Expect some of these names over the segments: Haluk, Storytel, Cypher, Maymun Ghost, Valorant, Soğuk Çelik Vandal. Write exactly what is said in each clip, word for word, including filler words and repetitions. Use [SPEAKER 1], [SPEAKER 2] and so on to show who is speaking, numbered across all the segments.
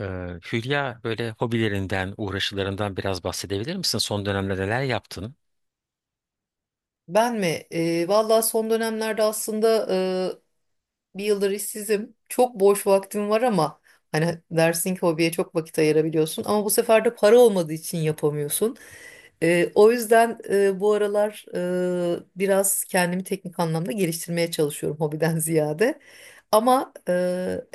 [SPEAKER 1] Ee, Hülya böyle hobilerinden, uğraşılarından biraz bahsedebilir misin? Son dönemde neler yaptın?
[SPEAKER 2] Ben mi? Ee, valla son dönemlerde aslında bir yıldır işsizim. Çok boş vaktim var ama hani dersin ki hobiye çok vakit ayırabiliyorsun ama bu sefer de para olmadığı için yapamıyorsun. Ee, o yüzden e, bu aralar e, biraz kendimi teknik anlamda geliştirmeye çalışıyorum hobiden ziyade. Ama e,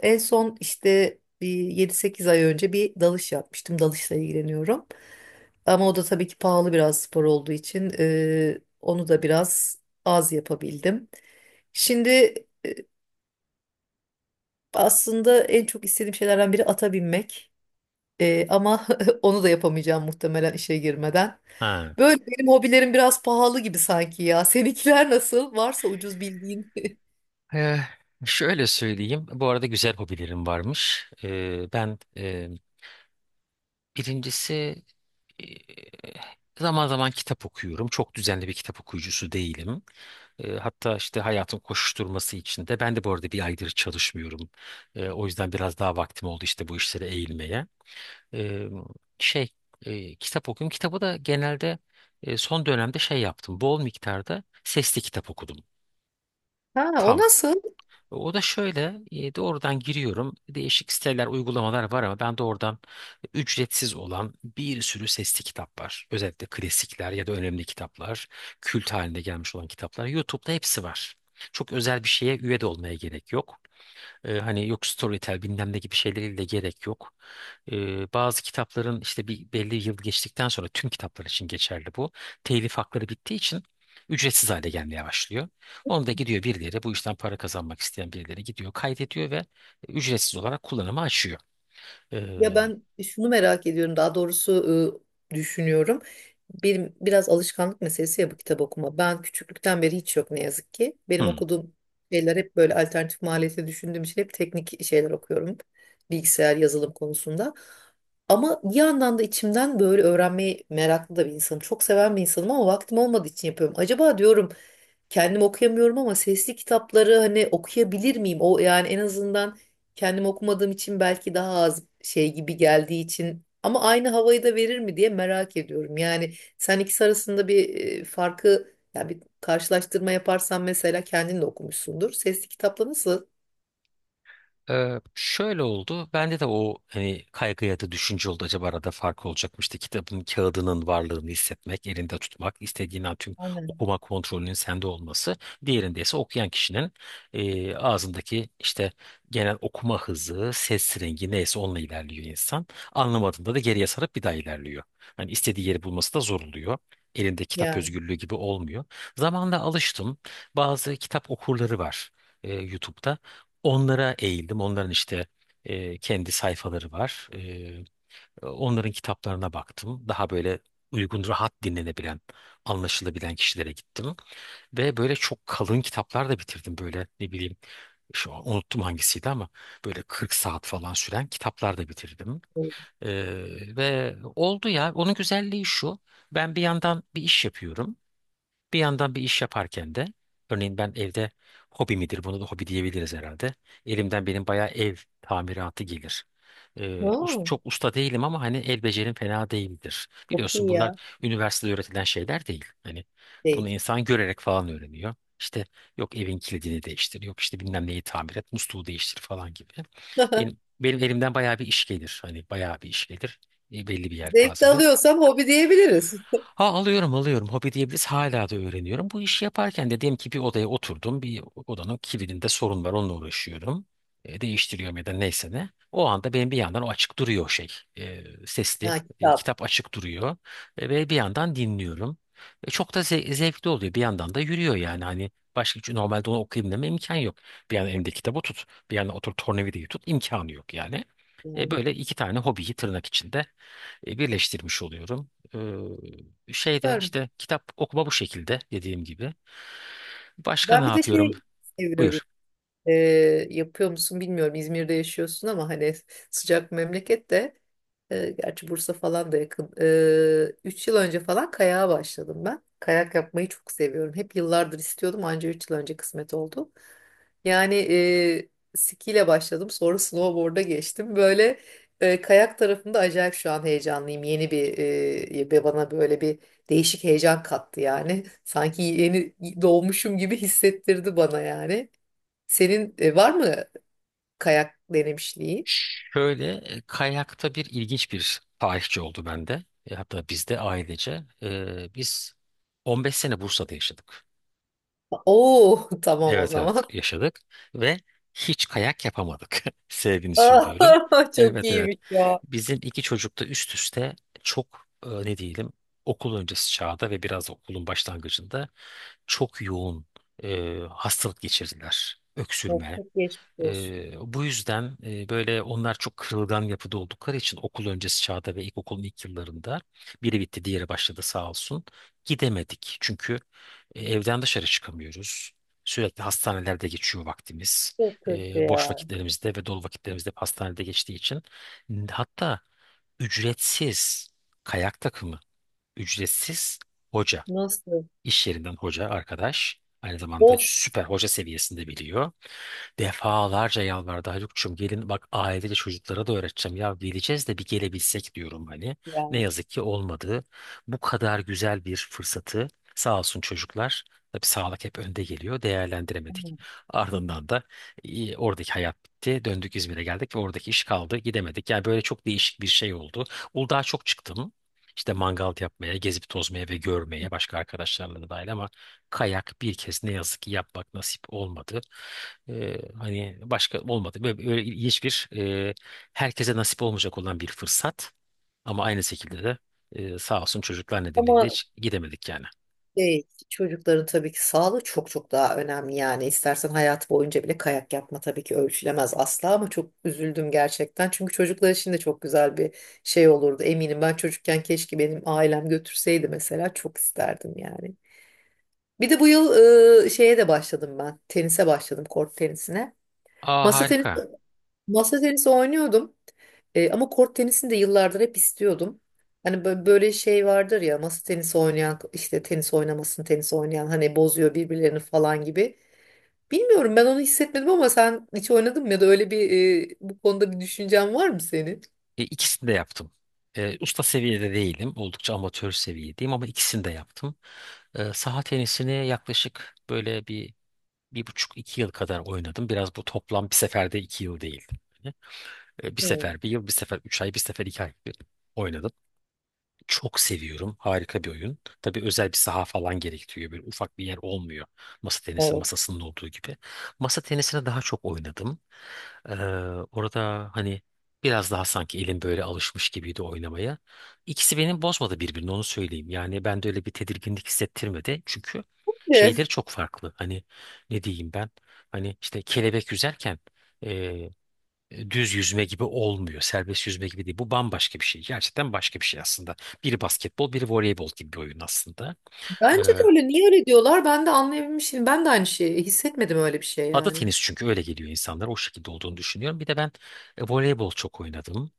[SPEAKER 2] en son işte bir yedi sekiz ay önce bir dalış yapmıştım. Dalışla ilgileniyorum. Ama o da tabii ki pahalı biraz spor olduğu için e, onu da biraz az yapabildim. Şimdi aslında en çok istediğim şeylerden biri ata binmek. Ee, ama onu da yapamayacağım muhtemelen işe girmeden.
[SPEAKER 1] Ha.
[SPEAKER 2] Böyle benim hobilerim biraz pahalı gibi sanki ya. Seninkiler nasıl? Varsa ucuz bildiğin.
[SPEAKER 1] Ee, Şöyle söyleyeyim. Bu arada güzel hobilerim varmış. Ee, ben e, birincisi, e, zaman zaman kitap okuyorum. Çok düzenli bir kitap okuyucusu değilim. Ee, hatta işte hayatın koşuşturması içinde ben de bu arada bir aydır çalışmıyorum. Ee, o yüzden biraz daha vaktim oldu işte bu işlere eğilmeye. e, şey e, Kitap okuyorum. Kitabı da genelde e, son dönemde şey yaptım. Bol miktarda sesli kitap okudum.
[SPEAKER 2] Ha, o
[SPEAKER 1] Tam.
[SPEAKER 2] nasıl?
[SPEAKER 1] O da şöyle, e, doğrudan giriyorum. Değişik siteler, uygulamalar var ama ben doğrudan ücretsiz olan bir sürü sesli kitap var. Özellikle klasikler ya da önemli kitaplar, kült haline gelmiş olan kitaplar. YouTube'da hepsi var. Çok özel bir şeye üye de olmaya gerek yok. E, hani yok Storytel bilmem ne gibi şeyleriyle gerek yok. Ee, bazı kitapların işte bir belli yıl geçtikten sonra tüm kitaplar için geçerli bu. Telif hakları bittiği için ücretsiz hale gelmeye başlıyor. Onu da gidiyor birileri, bu işten para kazanmak isteyen birileri gidiyor kaydediyor ve ücretsiz olarak kullanıma açıyor.
[SPEAKER 2] Ya
[SPEAKER 1] Ee,
[SPEAKER 2] ben şunu merak ediyorum, daha doğrusu e, düşünüyorum. Bir, biraz alışkanlık meselesi ya bu kitap okuma. Ben küçüklükten beri hiç yok ne yazık ki. Benim
[SPEAKER 1] hmm.
[SPEAKER 2] okuduğum şeyler hep böyle alternatif maliyete düşündüğüm için hep teknik şeyler okuyorum. Bilgisayar, yazılım konusunda. Ama bir yandan da içimden böyle öğrenmeyi meraklı da bir insanım. Çok seven bir insanım ama vaktim olmadığı için yapıyorum. Acaba diyorum kendim okuyamıyorum ama sesli kitapları hani okuyabilir miyim? O yani en azından kendim okumadığım için belki daha az şey gibi geldiği için ama aynı havayı da verir mi diye merak ediyorum. Yani sen ikisi arasında bir e, farkı yani bir karşılaştırma yaparsan mesela kendin de okumuşsundur. Sesli kitapla nasıl?
[SPEAKER 1] Ee, şöyle oldu. Bende de o hani kaygı ya da düşünce oldu. Acaba arada fark olacakmıştı. Kitabın kağıdının varlığını hissetmek, elinde tutmak, istediğin an tüm
[SPEAKER 2] Aynen.
[SPEAKER 1] okuma kontrolünün sende olması. Diğerinde ise okuyan kişinin e, ağzındaki işte genel okuma hızı, ses rengi neyse onunla ilerliyor insan. Anlamadığında da geriye sarıp bir daha ilerliyor. Hani istediği yeri bulması da zor oluyor. Elinde kitap
[SPEAKER 2] Yani.
[SPEAKER 1] özgürlüğü gibi olmuyor. Zamanla alıştım. Bazı kitap okurları var e, YouTube'da. Onlara eğildim. Onların işte e, kendi sayfaları var. E, onların kitaplarına baktım. Daha böyle uygun, rahat dinlenebilen, anlaşılabilen kişilere gittim. Ve böyle çok kalın kitaplar da bitirdim. Böyle ne bileyim, şu an unuttum hangisiydi ama böyle kırk saat falan süren kitaplar da bitirdim.
[SPEAKER 2] Evet.
[SPEAKER 1] E, ve oldu ya. Onun güzelliği şu. Ben bir yandan bir iş yapıyorum. Bir yandan bir iş yaparken de örneğin ben evde, hobi midir? Bunu da hobi diyebiliriz herhalde. Elimden benim bayağı ev tamiratı gelir. Ee, us-
[SPEAKER 2] Aa,
[SPEAKER 1] Çok usta değilim ama hani el becerim fena değildir.
[SPEAKER 2] çok
[SPEAKER 1] Biliyorsun
[SPEAKER 2] iyi
[SPEAKER 1] bunlar
[SPEAKER 2] ya.
[SPEAKER 1] üniversitede öğretilen şeyler değil. Hani bunu
[SPEAKER 2] Değil.
[SPEAKER 1] insan görerek falan öğreniyor. İşte yok evin kilidini değiştir, yok işte bilmem neyi tamir et, musluğu değiştir falan gibi. Benim benim elimden bayağı bir iş gelir. Hani bayağı bir iş gelir. E, belli bir
[SPEAKER 2] Zevk de
[SPEAKER 1] yelpazede.
[SPEAKER 2] alıyorsam hobi diyebiliriz.
[SPEAKER 1] Ha alıyorum alıyorum. Hobi diyebiliriz. Hala da öğreniyorum. Bu işi yaparken de diyelim ki bir odaya oturdum. Bir odanın kilidinde sorun var. Onunla uğraşıyorum. E, değiştiriyorum ya da neyse ne. O anda benim bir yandan o açık duruyor o şey. E, sesli.
[SPEAKER 2] Ha,
[SPEAKER 1] E,
[SPEAKER 2] kitap.
[SPEAKER 1] kitap açık duruyor. E, ve bir yandan dinliyorum. E, çok da ze- zevkli oluyor. Bir yandan da yürüyor yani. Hani başka hiç normalde onu okuyayım deme imkan yok. Bir yandan elimde kitabı tut. Bir yandan otur tornavidayı tut. İmkanı yok yani. E,
[SPEAKER 2] Yani,
[SPEAKER 1] böyle iki tane hobiyi tırnak içinde e, birleştirmiş oluyorum. Ee, şeyde
[SPEAKER 2] süpermiş.
[SPEAKER 1] işte kitap okuma bu şekilde dediğim gibi. Başka ne
[SPEAKER 2] Ben bir de
[SPEAKER 1] yapıyorum?
[SPEAKER 2] şey seviyorum.
[SPEAKER 1] Buyur.
[SPEAKER 2] Ee, yapıyor musun bilmiyorum. İzmir'de yaşıyorsun ama hani sıcak memleket de e, gerçi Bursa falan da yakın. Ee, üç yıl önce falan kayağa başladım ben. Kayak yapmayı çok seviyorum. Hep yıllardır istiyordum anca üç yıl önce kısmet oldu. Yani e, skiyle başladım sonra snowboard'a geçtim. Böyle e, kayak tarafında acayip şu an heyecanlıyım. Yeni bir e, ve bana böyle bir değişik heyecan kattı yani. Sanki yeni doğmuşum gibi hissettirdi bana yani. Senin e, var mı kayak denemişliği?
[SPEAKER 1] Şöyle, e, kayakta bir ilginç bir tarihçi oldu bende. E, hatta bizde ailece. Ee, biz on beş sene Bursa'da yaşadık.
[SPEAKER 2] Oo tamam o
[SPEAKER 1] Evet
[SPEAKER 2] zaman.
[SPEAKER 1] evet yaşadık ve hiç kayak yapamadık. Sevgini söylüyorum.
[SPEAKER 2] Aa, çok
[SPEAKER 1] Evet evet.
[SPEAKER 2] iyiymiş ya.
[SPEAKER 1] Bizim iki çocuk da üst üste çok, e, ne diyelim, okul öncesi çağda ve biraz da okulun başlangıcında çok yoğun e, hastalık geçirdiler.
[SPEAKER 2] Ya
[SPEAKER 1] Öksürme,
[SPEAKER 2] çok geçmiş olsun.
[SPEAKER 1] ee, bu yüzden e, böyle onlar çok kırılgan yapıda oldukları için okul öncesi çağda ve ilkokulun ilk yıllarında biri bitti diğeri başladı sağ olsun gidemedik. Çünkü e, evden dışarı çıkamıyoruz. Sürekli hastanelerde geçiyor vaktimiz.
[SPEAKER 2] Çok kötü
[SPEAKER 1] Ee, boş
[SPEAKER 2] ya.
[SPEAKER 1] vakitlerimizde ve dolu vakitlerimizde hep hastanede geçtiği için, hatta ücretsiz kayak takımı, ücretsiz hoca,
[SPEAKER 2] Nasıl?
[SPEAKER 1] iş yerinden hoca arkadaş, aynı zamanda
[SPEAKER 2] Of
[SPEAKER 1] süper hoca seviyesinde biliyor. Defalarca yalvardı, Haluk'cum gelin bak ailece çocuklara da öğreteceğim, ya geleceğiz de bir gelebilsek diyorum hani. Ne
[SPEAKER 2] ya.
[SPEAKER 1] yazık ki olmadı. Bu kadar güzel bir fırsatı, sağ olsun çocuklar, tabii sağlık hep önde geliyor, değerlendiremedik.
[SPEAKER 2] Aman.
[SPEAKER 1] Ardından da e, oradaki hayat bitti. Döndük İzmir'e geldik ve oradaki iş kaldı gidemedik. Yani böyle çok değişik bir şey oldu. Uludağ'a çok çıktım. İşte mangal yapmaya, gezip tozmaya ve görmeye başka arkadaşlarla da dahil ama kayak bir kez ne yazık ki yapmak nasip olmadı. Ee, hani başka olmadı. Böyle, böyle ilginç bir e, herkese nasip olmayacak olan bir fırsat. Ama aynı şekilde de e, sağ olsun çocuklar nedeniyle
[SPEAKER 2] Ama
[SPEAKER 1] de hiç gidemedik yani.
[SPEAKER 2] şey, çocukların tabii ki sağlığı çok çok daha önemli yani. İstersen hayat boyunca bile kayak yapma tabii ki ölçülemez asla ama çok üzüldüm gerçekten. Çünkü çocuklar için de çok güzel bir şey olurdu eminim. Ben çocukken keşke benim ailem götürseydi mesela çok isterdim yani. Bir de bu yıl e, şeye de başladım ben. Tenise başladım, kort tenisine.
[SPEAKER 1] Aa
[SPEAKER 2] Masa tenisi
[SPEAKER 1] harika.
[SPEAKER 2] masa tenisi oynuyordum. E, ama kort tenisini de yıllardır hep istiyordum. Hani bö- böyle şey vardır ya masa tenisi oynayan işte tenis oynamasın tenis oynayan hani bozuyor birbirlerini falan gibi. Bilmiyorum ben onu hissetmedim ama sen hiç oynadın mı ya da öyle bir e, bu konuda bir düşüncen var mı senin?
[SPEAKER 1] E, ikisini de yaptım. E, usta seviyede değilim. Oldukça amatör seviyedeyim ama ikisini de yaptım. E, saha tenisini yaklaşık böyle bir bir buçuk iki yıl kadar oynadım. Biraz bu toplam, bir seferde iki yıl değil. Hani, E, bir
[SPEAKER 2] Hmm,
[SPEAKER 1] sefer bir yıl, bir sefer üç ay, bir sefer iki ay oynadım. Çok seviyorum. Harika bir oyun. Tabii özel bir saha falan gerektiriyor. Böyle ufak bir yer olmuyor. Masa tenisi
[SPEAKER 2] evet.
[SPEAKER 1] masasının olduğu gibi. Masa tenisine daha çok oynadım. Ee, Orada hani biraz daha sanki elim böyle alışmış gibiydi oynamaya. İkisi benim bozmadı birbirini, onu söyleyeyim. Yani ben de öyle bir tedirginlik hissettirmedi. Çünkü
[SPEAKER 2] De,
[SPEAKER 1] şeyleri çok farklı. Hani ne diyeyim ben? Hani işte kelebek yüzerken e, düz yüzme gibi olmuyor. Serbest yüzme gibi değil. Bu bambaşka bir şey. Gerçekten başka bir şey aslında. Biri basketbol, biri voleybol gibi bir oyun aslında.
[SPEAKER 2] bence de öyle niye öyle diyorlar ben de anlayabilmişim. Ben de aynı şeyi hissetmedim öyle bir şey
[SPEAKER 1] Ada
[SPEAKER 2] yani.
[SPEAKER 1] tenisi çünkü öyle geliyor insanlar. O şekilde olduğunu düşünüyorum. Bir de ben e, voleybol çok oynadım.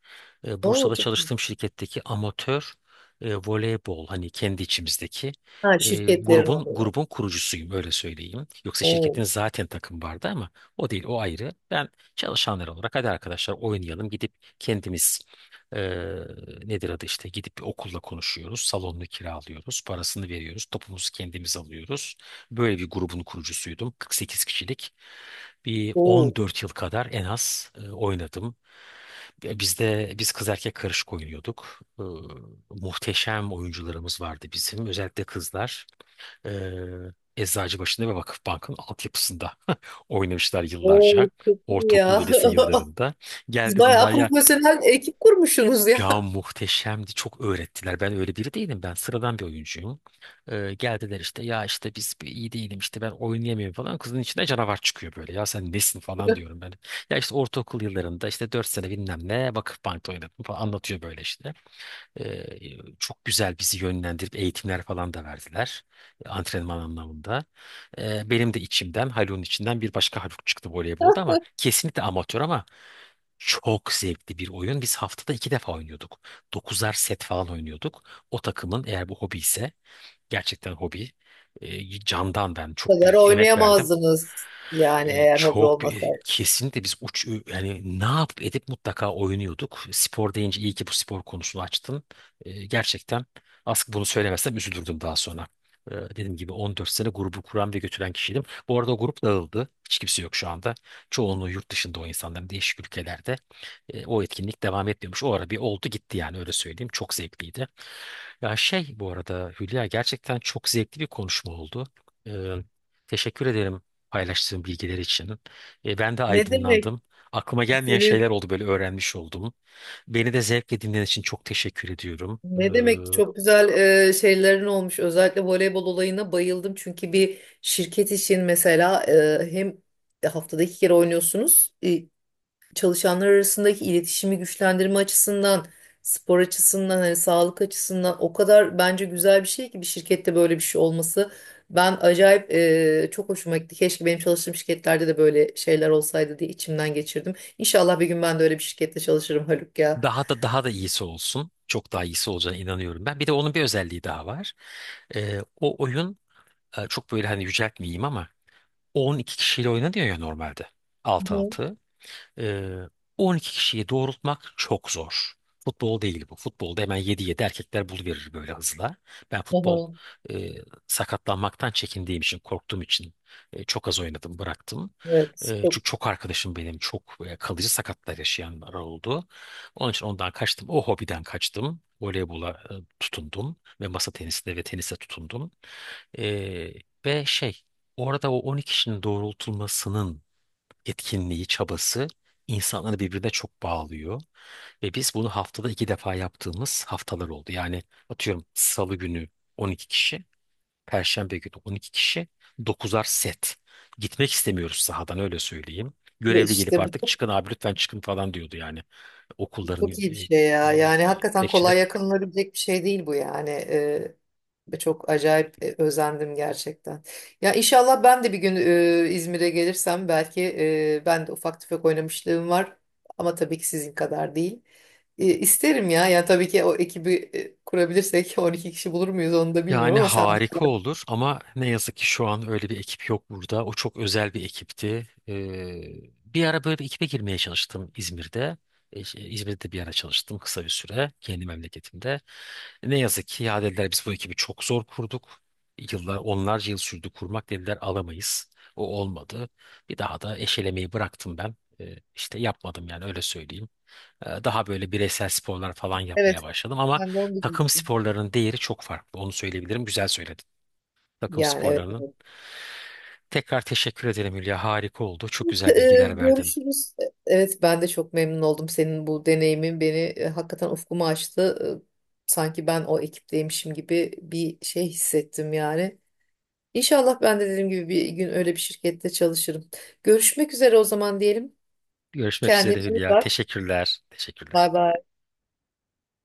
[SPEAKER 1] E,
[SPEAKER 2] Oo
[SPEAKER 1] Bursa'da
[SPEAKER 2] çok iyi.
[SPEAKER 1] çalıştığım şirketteki amatör e, voleybol, hani kendi içimizdeki
[SPEAKER 2] Ha
[SPEAKER 1] e,
[SPEAKER 2] şirketlerin
[SPEAKER 1] grubun
[SPEAKER 2] oluyor.
[SPEAKER 1] grubun kurucusuyum öyle söyleyeyim. Yoksa şirketin
[SPEAKER 2] Oo,
[SPEAKER 1] zaten takım vardı ama o değil, o ayrı. Ben çalışanlar olarak hadi arkadaşlar oynayalım gidip kendimiz, e, nedir adı, işte gidip bir okulla konuşuyoruz. Salonunu kiralıyoruz. Parasını veriyoruz. Topumuzu kendimiz alıyoruz. Böyle bir grubun kurucusuydum. kırk sekiz kişilik. Bir
[SPEAKER 2] oo,
[SPEAKER 1] on dört yıl kadar en az e, oynadım. E, bizde biz kız erkek karışık oynuyorduk. E, muhteşem oyuncularımız vardı bizim. Özellikle kızlar. E, Eczacıbaşı'nda ve Vakıfbank'ın altyapısında oynamışlar
[SPEAKER 2] oo
[SPEAKER 1] yıllarca.
[SPEAKER 2] çok iyi ya.
[SPEAKER 1] Ortaokul ve lise yıllarında.
[SPEAKER 2] Siz
[SPEAKER 1] Geldi
[SPEAKER 2] bayağı
[SPEAKER 1] bunlar ya,
[SPEAKER 2] profesyonel ekip kurmuşsunuz ya.
[SPEAKER 1] ya muhteşemdi. Çok öğrettiler. Ben öyle biri değilim. Ben sıradan bir oyuncuyum. Ee, geldiler işte ya işte biz bir iyi değilim işte ben oynayamıyorum falan. Kızın içinde canavar çıkıyor böyle. Ya sen nesin falan diyorum ben. Ya işte ortaokul yıllarında işte dört sene bilmem ne Vakıfbank'ta oynadım falan anlatıyor böyle işte. Ee, Çok güzel bizi yönlendirip eğitimler falan da verdiler. e, Antrenman anlamında. Ee, benim de içimden, Haluk'un içinden bir başka Haluk çıktı voleybolda, ama kesinlikle amatör, ama çok zevkli bir oyun. Biz haftada iki defa oynuyorduk. Dokuzar set falan oynuyorduk. O takımın, eğer bu hobi ise, gerçekten hobi. E, candan ben
[SPEAKER 2] Bu
[SPEAKER 1] çok
[SPEAKER 2] kadar
[SPEAKER 1] büyük emek verdim.
[SPEAKER 2] oynayamazdınız yani
[SPEAKER 1] Ee,
[SPEAKER 2] eğer hobi
[SPEAKER 1] çok bir-
[SPEAKER 2] olmasaydı.
[SPEAKER 1] kesinlikle biz uç, yani ne yap edip mutlaka oynuyorduk. Spor deyince, iyi ki bu spor konusunu açtın. Ee, gerçekten aslında bunu söylemezsem üzülürdüm daha sonra. Ee, dediğim gibi on dört sene grubu kuran ve götüren kişiydim. Bu arada o grup dağıldı. Hiç kimse yok şu anda. Çoğunluğu yurt dışında o insanların, değişik ülkelerde. Ee, o etkinlik devam etmiyormuş. O ara bir oldu gitti yani, öyle söyleyeyim. Çok zevkliydi. Ya şey, bu arada Hülya, gerçekten çok zevkli bir konuşma oldu. Ee, Teşekkür ederim paylaştığım bilgiler için. E, ben de
[SPEAKER 2] Ne demek
[SPEAKER 1] aydınlandım. Aklıma gelmeyen
[SPEAKER 2] senin
[SPEAKER 1] şeyler oldu, böyle öğrenmiş oldum. Beni de zevkle dinlediğin için çok teşekkür ediyorum.
[SPEAKER 2] ne demek
[SPEAKER 1] Ee,
[SPEAKER 2] çok güzel e, şeylerin olmuş. Özellikle voleybol olayına bayıldım. Çünkü bir şirket için mesela e, hem haftada iki kere oynuyorsunuz. E, çalışanlar arasındaki iletişimi güçlendirme açısından, spor açısından, hani sağlık açısından o kadar bence güzel bir şey ki bir şirkette böyle bir şey olması. Ben acayip e, çok hoşuma gitti. Keşke benim çalıştığım şirketlerde de böyle şeyler olsaydı diye içimden geçirdim. İnşallah bir gün ben de öyle bir şirkette çalışırım Haluk ya.
[SPEAKER 1] daha da daha da iyisi olsun. Çok daha iyisi olacağına inanıyorum ben. Bir de onun bir özelliği daha var. Ee, o oyun e, çok böyle, hani yüceltmeyeyim ama on iki kişiyle oynanıyor ya normalde. Altı
[SPEAKER 2] Hı hı.
[SPEAKER 1] altı. Ee, on iki kişiyi doğrultmak çok zor. Futbol değil bu. Futbolda hemen yedi yedi erkekler buluverir böyle hızla. Ben
[SPEAKER 2] Hı
[SPEAKER 1] futbol,
[SPEAKER 2] hı.
[SPEAKER 1] e, sakatlanmaktan çekindiğim için, korktuğum için e, çok az oynadım, bıraktım. E,
[SPEAKER 2] Evet,
[SPEAKER 1] çünkü
[SPEAKER 2] çok
[SPEAKER 1] çok arkadaşım benim, çok e, kalıcı sakatlar yaşayanlar oldu. Onun için ondan kaçtım. O hobiden kaçtım. Voleybola e, tutundum ve masa tenisine ve tenise tutundum. E, ve şey, orada o on iki kişinin doğrultulmasının etkinliği, çabası insanları birbirine çok bağlıyor. Ve biz bunu haftada iki defa yaptığımız haftalar oldu. Yani atıyorum Salı günü on iki kişi, Perşembe günü on iki kişi, dokuzar set. Gitmek istemiyoruz sahadan, öyle söyleyeyim. Görevli gelip
[SPEAKER 2] işte
[SPEAKER 1] artık
[SPEAKER 2] bu
[SPEAKER 1] çıkın abi lütfen çıkın falan diyordu yani. Okulların
[SPEAKER 2] çok iyi bir
[SPEAKER 1] e,
[SPEAKER 2] şey ya.
[SPEAKER 1] e, e,
[SPEAKER 2] Yani hakikaten
[SPEAKER 1] bekçileri.
[SPEAKER 2] kolay yakınılabilecek bir şey değil bu yani. Ee, ve çok acayip e, özendim gerçekten. Ya inşallah ben de bir gün e, İzmir'e gelirsem belki e, ben de ufak tefek oynamışlığım var. Ama tabii ki sizin kadar değil. E, isterim ya. Yani tabii ki o ekibi e, kurabilirsek on iki kişi bulur muyuz onu da bilmiyorum
[SPEAKER 1] Yani
[SPEAKER 2] ama sen...
[SPEAKER 1] harika olur ama ne yazık ki şu an öyle bir ekip yok burada. O çok özel bir ekipti. Ee, bir ara böyle bir ekibe girmeye çalıştım İzmir'de. E, şey, İzmir'de bir ara çalıştım kısa bir süre kendi memleketimde. Ne yazık ki ya dediler, biz bu ekibi çok zor kurduk. Yıllar, onlarca yıl sürdü kurmak, dediler alamayız. O olmadı. Bir daha da eşelemeyi bıraktım ben. Ee, işte yapmadım yani, öyle söyleyeyim. Ee, Daha böyle bireysel sporlar falan
[SPEAKER 2] Evet,
[SPEAKER 1] yapmaya başladım ama
[SPEAKER 2] ben de onu
[SPEAKER 1] takım
[SPEAKER 2] diyecektim.
[SPEAKER 1] sporlarının değeri çok farklı. Onu söyleyebilirim. Güzel söyledin. Takım
[SPEAKER 2] Yani evet,
[SPEAKER 1] sporlarının.
[SPEAKER 2] evet.
[SPEAKER 1] Tekrar teşekkür ederim Hülya. Harika oldu. Çok
[SPEAKER 2] Ee,
[SPEAKER 1] güzel bilgiler verdin.
[SPEAKER 2] Görüşürüz. Evet ben de çok memnun oldum. Senin bu deneyimin beni e, hakikaten ufkumu açtı. Ee, Sanki ben o ekipteymişim gibi bir şey hissettim yani. İnşallah ben de dediğim gibi bir gün öyle bir şirkette çalışırım. Görüşmek üzere o zaman diyelim.
[SPEAKER 1] Görüşmek
[SPEAKER 2] Kendine
[SPEAKER 1] üzere
[SPEAKER 2] iyi
[SPEAKER 1] Hülya.
[SPEAKER 2] bak.
[SPEAKER 1] Teşekkürler.
[SPEAKER 2] Bay
[SPEAKER 1] Teşekkürler.
[SPEAKER 2] bay.